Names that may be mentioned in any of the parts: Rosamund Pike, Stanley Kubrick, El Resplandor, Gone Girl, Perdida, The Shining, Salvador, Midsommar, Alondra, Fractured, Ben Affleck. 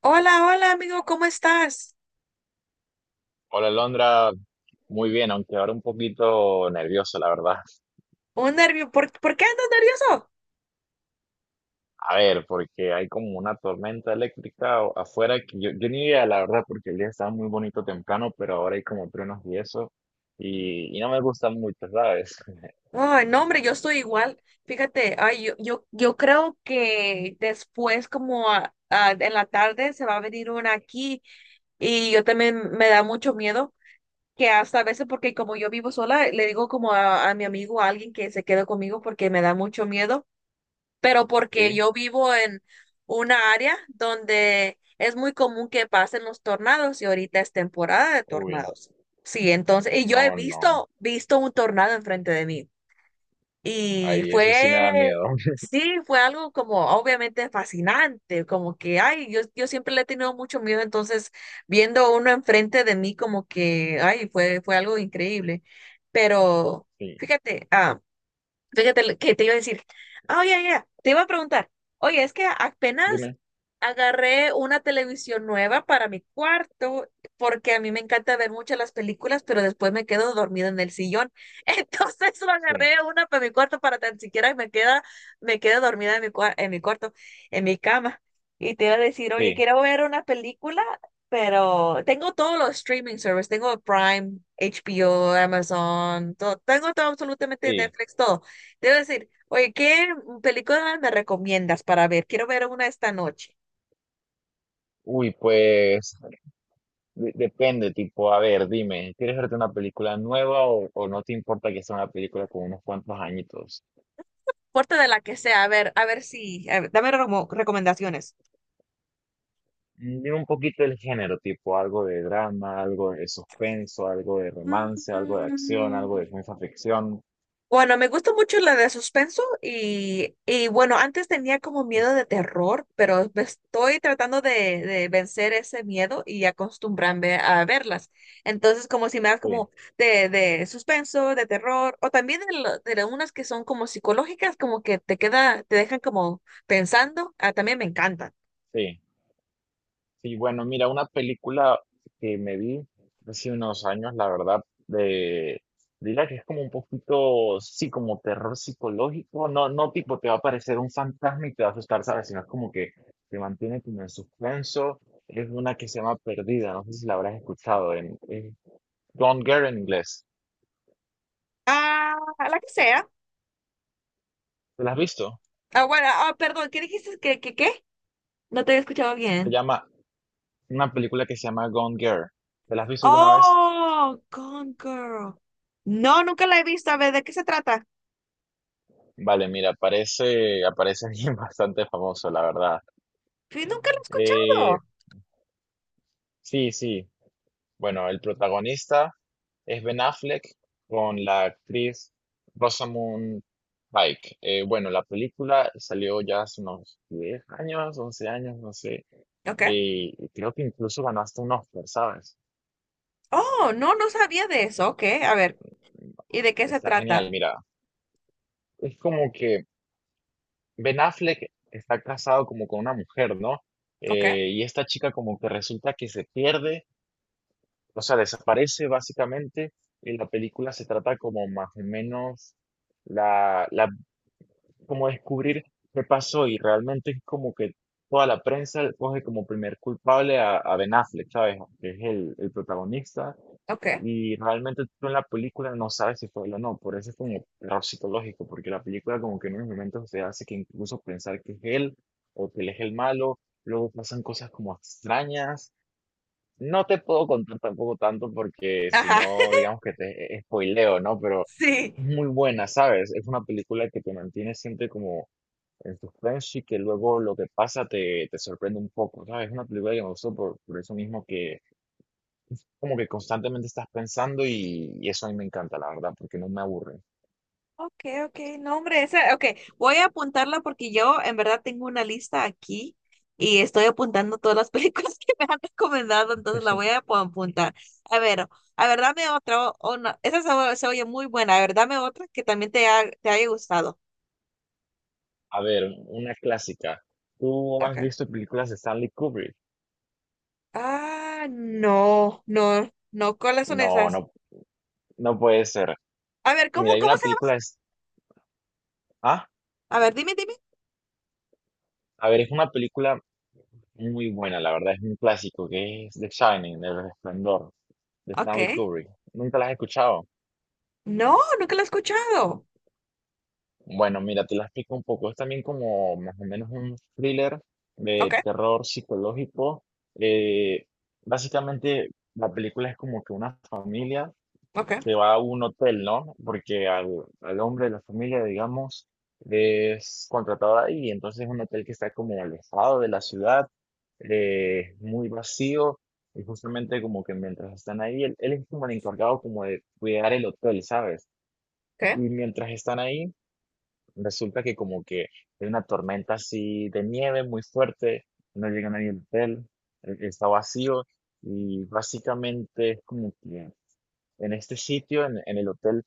Hola, hola amigo, ¿cómo estás? Hola, Alondra. Muy bien, aunque ahora un poquito nervioso, la verdad. Un nervio, ¿por qué andas nervioso? A ver, porque hay como una tormenta eléctrica afuera que yo ni idea, la verdad, porque el día estaba muy bonito temprano, pero ahora hay como truenos y eso. Y no me gusta mucho, ¿sabes? Ay, no, hombre, yo estoy igual. Fíjate, ay, yo creo que después, como en la tarde, se va a venir una aquí y yo también me da mucho miedo, que hasta a veces, porque como yo vivo sola, le digo como a mi amigo, a alguien que se quede conmigo porque me da mucho miedo, pero porque Sí. yo vivo en una área donde es muy común que pasen los tornados y ahorita es temporada de Uy, tornados. Sí, entonces, y yo he no, no. visto un tornado enfrente de mí y Ay, eso sí me da miedo. sí, fue algo como obviamente fascinante, como que, ay, yo siempre le he tenido mucho miedo, entonces viendo uno enfrente de mí como que, ay, fue algo increíble. Pero Sí. fíjate, fíjate lo que te iba a decir. Oye, ya, te iba a preguntar. Oye, es que apenas Dime. agarré una televisión nueva para mi cuarto, porque a mí me encanta ver muchas las películas, pero después me quedo dormida en el sillón. Entonces lo Sí. agarré una para mi cuarto para tan siquiera me quedo dormida en en mi cuarto, en mi cama. Y te iba a decir, oye, Sí. quiero ver una película, pero tengo todos los streaming services, tengo Prime, HBO, Amazon, todo, tengo todo absolutamente Sí. Netflix, todo, te iba a decir, oye, ¿qué película me recomiendas para ver? Quiero ver una esta noche. Uy, pues depende, tipo, a ver, dime, ¿quieres verte una película nueva o no te importa que sea una película con unos cuantos añitos? Porta de la que sea, a ver si, a ver, dame como recomendaciones. Dime un poquito el género, tipo, algo de drama, algo de suspenso, algo de Mm, romance, algo de acción, algo de ciencia ficción. Bueno, me gusta mucho la de suspenso y bueno, antes tenía como miedo de terror, pero me estoy tratando de vencer ese miedo y acostumbrarme a verlas. Entonces, como si me das Sí, como de suspenso, de terror, o también de unas que son como psicológicas, como que te dejan como pensando, ah, también me encantan. sí. Sí, bueno, mira, una película que me vi hace unos años, la verdad, de, diría que es como un poquito, sí, como terror psicológico, no, no tipo te va a aparecer un fantasma y te va a asustar, ¿sabes? Sino es como que te mantiene como en suspenso, es una que se llama Perdida, no sé si la habrás escuchado, en Gone Girl en inglés, Ah, la que sea. ¿te la has visto? Bueno, perdón, ¿qué dijiste? Qué? No te había escuchado Se bien. llama, una película que se llama Gone Girl, ¿te la has visto alguna vez? Oh, Gone Girl. No, nunca la he visto. A ver, ¿de qué se trata? Vale, mira, aparece, aparece alguien bastante famoso, la verdad. Sí, nunca la he Eh, escuchado. Sí, sí. Bueno, el protagonista es Ben Affleck con la actriz Rosamund Pike. Bueno, la película salió ya hace unos 10 años, 11 años, no sé. ¿Ok? Y creo que incluso ganó hasta un Oscar, ¿sabes? Oh, no, no sabía de eso. Ok, a ver. ¿Y de qué se Está genial, trata? mira. Es como que Ben Affleck está casado como con una mujer, ¿no? ¿Ok? Y esta chica como que resulta que se pierde. O sea, desaparece básicamente y la película se trata como más o menos la, la, como descubrir qué pasó y realmente es como que toda la prensa coge como primer culpable a Ben Affleck, ¿sabes? Que es el protagonista ¿Ok? y realmente tú en la película no sabes si fue él o no, por eso es como error psicológico, porque la película como que en unos momentos te hace que incluso pensar que es él o que él es el malo, luego pasan cosas como extrañas, no te puedo contar tampoco tanto porque si Ajá. no, digamos que te spoileo, ¿no? Pero Sí. es muy buena, ¿sabes? Es una película que te mantiene siempre como en suspenso y que luego lo que pasa te, te sorprende un poco, ¿sabes? Es una película que me gustó por eso mismo que como que constantemente estás pensando y eso a mí me encanta, la verdad, porque no me aburre. Ok, ok. No, hombre, esa, ok. Voy a apuntarla porque yo en verdad tengo una lista aquí y estoy apuntando todas las películas que me han recomendado, entonces la voy a apuntar. A ver, a ver, dame otra. O no, Esa se, se oye muy buena. A ver, dame otra que también te haya gustado. A ver, una clásica. ¿Tú has Okay. visto películas de Stanley Kubrick? Ah, no, no, no, ¿cuáles son No, esas? no, no puede ser. A ver, Mira, hay cómo una se película... llama? Ah, A ver, dime. a ver, es una película muy buena, la verdad, es un clásico que es The Shining, El Resplandor, de Stanley Okay. Kubrick. ¿Nunca la has escuchado? No, nunca la he escuchado. Bueno, mira, te la explico un poco. Es también como más o menos un thriller de Okay, terror psicológico. Eh, básicamente, la película es como que una familia okay, se va a un hotel, ¿no? Porque al hombre de la familia, digamos, es contratado ahí, entonces es un hotel que está como alejado de la ciudad, muy vacío, y justamente como que mientras están ahí, él es como el encargado como de cuidar el hotel, ¿sabes? okay. Y mientras están ahí, resulta que como que hay una tormenta así de nieve muy fuerte, no llega nadie al hotel, está vacío, y básicamente es como que en este sitio, en el hotel,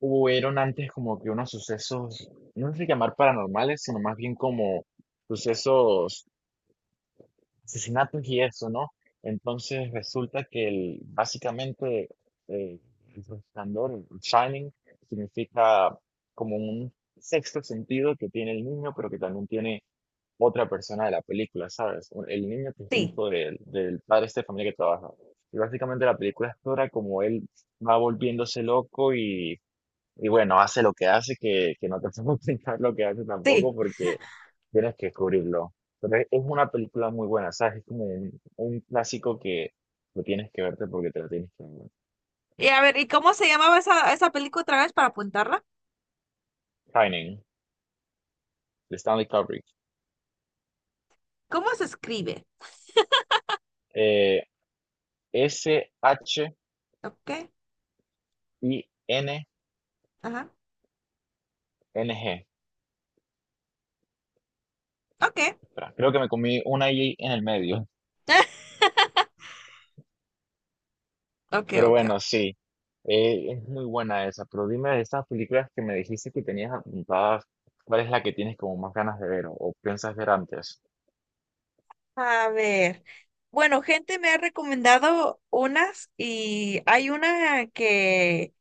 hubieron antes como que unos sucesos, no sé si llamar paranormales, sino más bien como sucesos, asesinatos y eso, ¿no? Entonces resulta que el, básicamente eh, el resplandor, el shining, significa como un sexto sentido que tiene el niño, pero que también tiene otra persona de la película, ¿sabes? El niño que es Sí, hijo del, del padre de esta familia que trabaja. Y básicamente la película explora como él va volviéndose loco y bueno, hace lo que hace, que no te puedo explicar lo que hace sí. tampoco porque tienes que descubrirlo. Pero es una película muy buena, ¿sabes? Es como un clásico que lo tienes que verte porque te lo tienes que ver. Y a ver, ¿y cómo se llamaba esa película otra vez para apuntarla? Shining, de Stanley Kubrick. ¿Cómo se escribe? Eh, SHINNG. Okay, ajá, okay. Espera, creo que me comí una I en el medio. Okay, Pero okay. bueno, sí, es muy buena esa. Pero dime de esas películas que me dijiste que tenías apuntadas, ¿cuál es la que tienes como más ganas de ver o piensas ver antes? A ver. Bueno, gente me ha recomendado unas y hay una que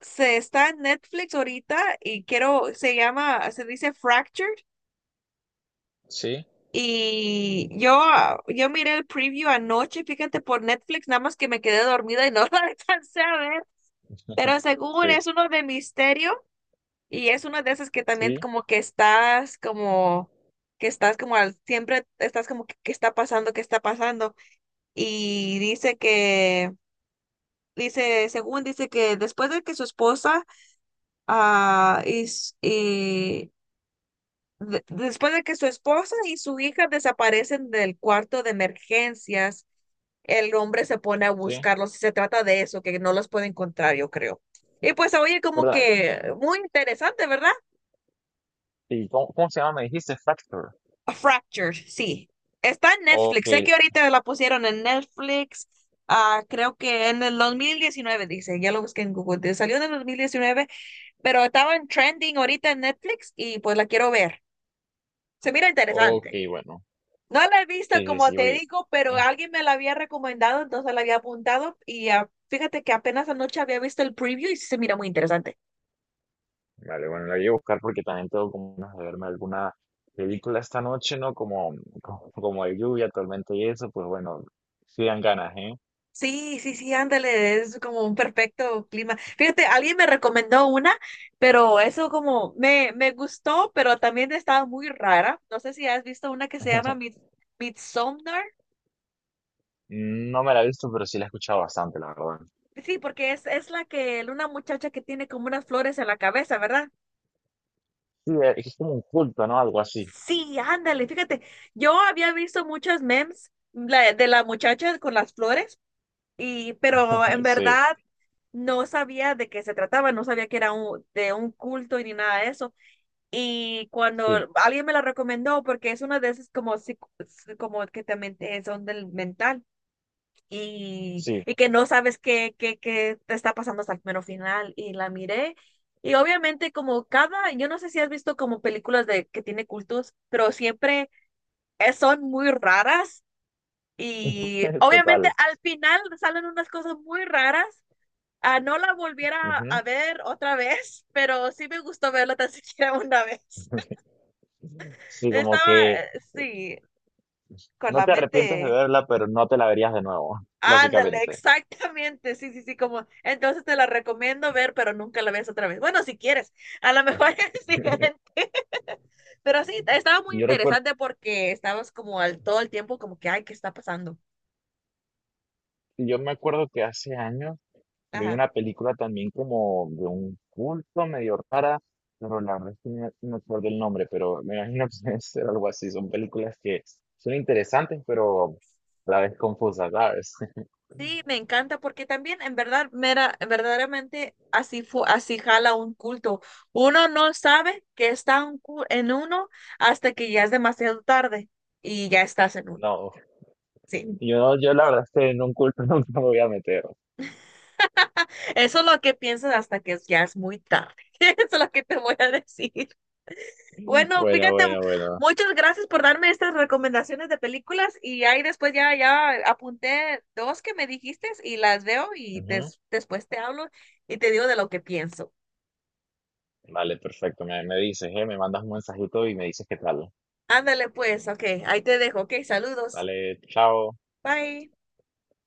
se está en Netflix ahorita y quiero, se llama, se dice Fractured. Sí. Y yo, yo miré el preview anoche, fíjate, por Netflix, nada más que me quedé dormida y no la alcancé a ver. Pero según Sí, es uno de misterio y es una de esas que también sí, como que estás como, siempre estás como que, ¿qué está pasando? ¿Qué está pasando? Y dice que, dice, según dice que después de que su esposa ah, y, s- y después de que su esposa y su hija desaparecen del cuarto de emergencias, el hombre se pone a sí. buscarlos y se trata de eso, que no los puede encontrar, yo creo. Y pues oye, como ¿Verdad? que muy interesante, ¿verdad? ¿Y cómo, cómo se llama? Me dijiste Factor. A Fractured, sí. Está en Ok, Netflix. Sé que ahorita la pusieron en Netflix. Creo que en el 2019 dice. Ya lo busqué en Google. Salió en el 2019, pero estaba en trending ahorita en Netflix y pues la quiero ver. Se mira ok, interesante. bueno. No la he visto, Sí, sí, como sí, te oye. digo, pero eh, alguien me la había recomendado, entonces la había apuntado y fíjate que apenas anoche había visto el preview y sí se mira muy interesante. Vale, bueno, la voy a buscar porque también tengo como ganas de verme alguna película esta noche, ¿no? Como, como, como hay lluvia, tormento y eso, pues bueno, sí dan ganas, ¿eh? Sí, sí, sí, ándale, es como un perfecto clima. Fíjate, alguien me recomendó una, pero eso como me gustó, pero también estaba muy rara. No sé si has visto una que se llama Midsommar. No me la he visto, pero sí la he escuchado bastante, la verdad. Sí, porque es la que una muchacha que tiene como unas flores en la cabeza, ¿verdad? Sí, es como un culto, ¿no? Algo así. Sí, ándale, fíjate, yo había visto muchas memes de la muchacha con las flores, y, pero en Sí, verdad no sabía de qué se trataba, no sabía que era de un culto y ni nada de eso. Y cuando sí, alguien me la recomendó, porque es una de esas como, como que también son del mental sí, y que no sabes qué te está pasando hasta el mero final, y la miré. Y obviamente como cada, yo no sé si has visto como películas de que tiene cultos, pero siempre son muy raras y obviamente total. al final salen unas cosas muy raras. Ah, no la volviera Ujú. a ver otra vez, pero sí me gustó verla tan siquiera una vez. Sí, como Estaba, que sí, con no la te arrepientes de mente. verla, pero no te la verías de nuevo, Ándale, básicamente. exactamente. Sí, sí, sí, como. Entonces te la recomiendo ver, pero nunca la ves otra vez. Bueno, si quieres, a lo mejor es diferente. Pero sí, estaba muy Yo recuerdo, interesante porque estabas como al todo el tiempo, como que, ay, ¿qué está pasando? yo me acuerdo que hace años vi Ajá. una película también como de un culto medio rara, pero la verdad es que no, no recuerdo el nombre, pero me imagino que debe ser algo así. Son películas que son interesantes, pero a la vez confusas, ¿sabes? Sí, me encanta porque también en verdad, verdaderamente así así jala un culto. Uno no sabe que está en uno hasta que ya es demasiado tarde y ya estás en uno. No, Sí, yo la verdad es que en un culto nunca me voy a meter. eso es lo que piensas hasta que ya es muy tarde. Eso es lo que te voy a decir. Bueno, Bueno, fíjate, bueno, bueno. muchas gracias por darme estas recomendaciones de películas y ahí después ya apunté dos que me dijiste y las veo y Ujú. Después te hablo y te digo de lo que pienso. Vale, perfecto. Me dices, ¿eh? Me mandas un mensajito y me dices qué tal. Ándale pues, ok, ahí te dejo, ok, saludos. Vale, chao. Bye.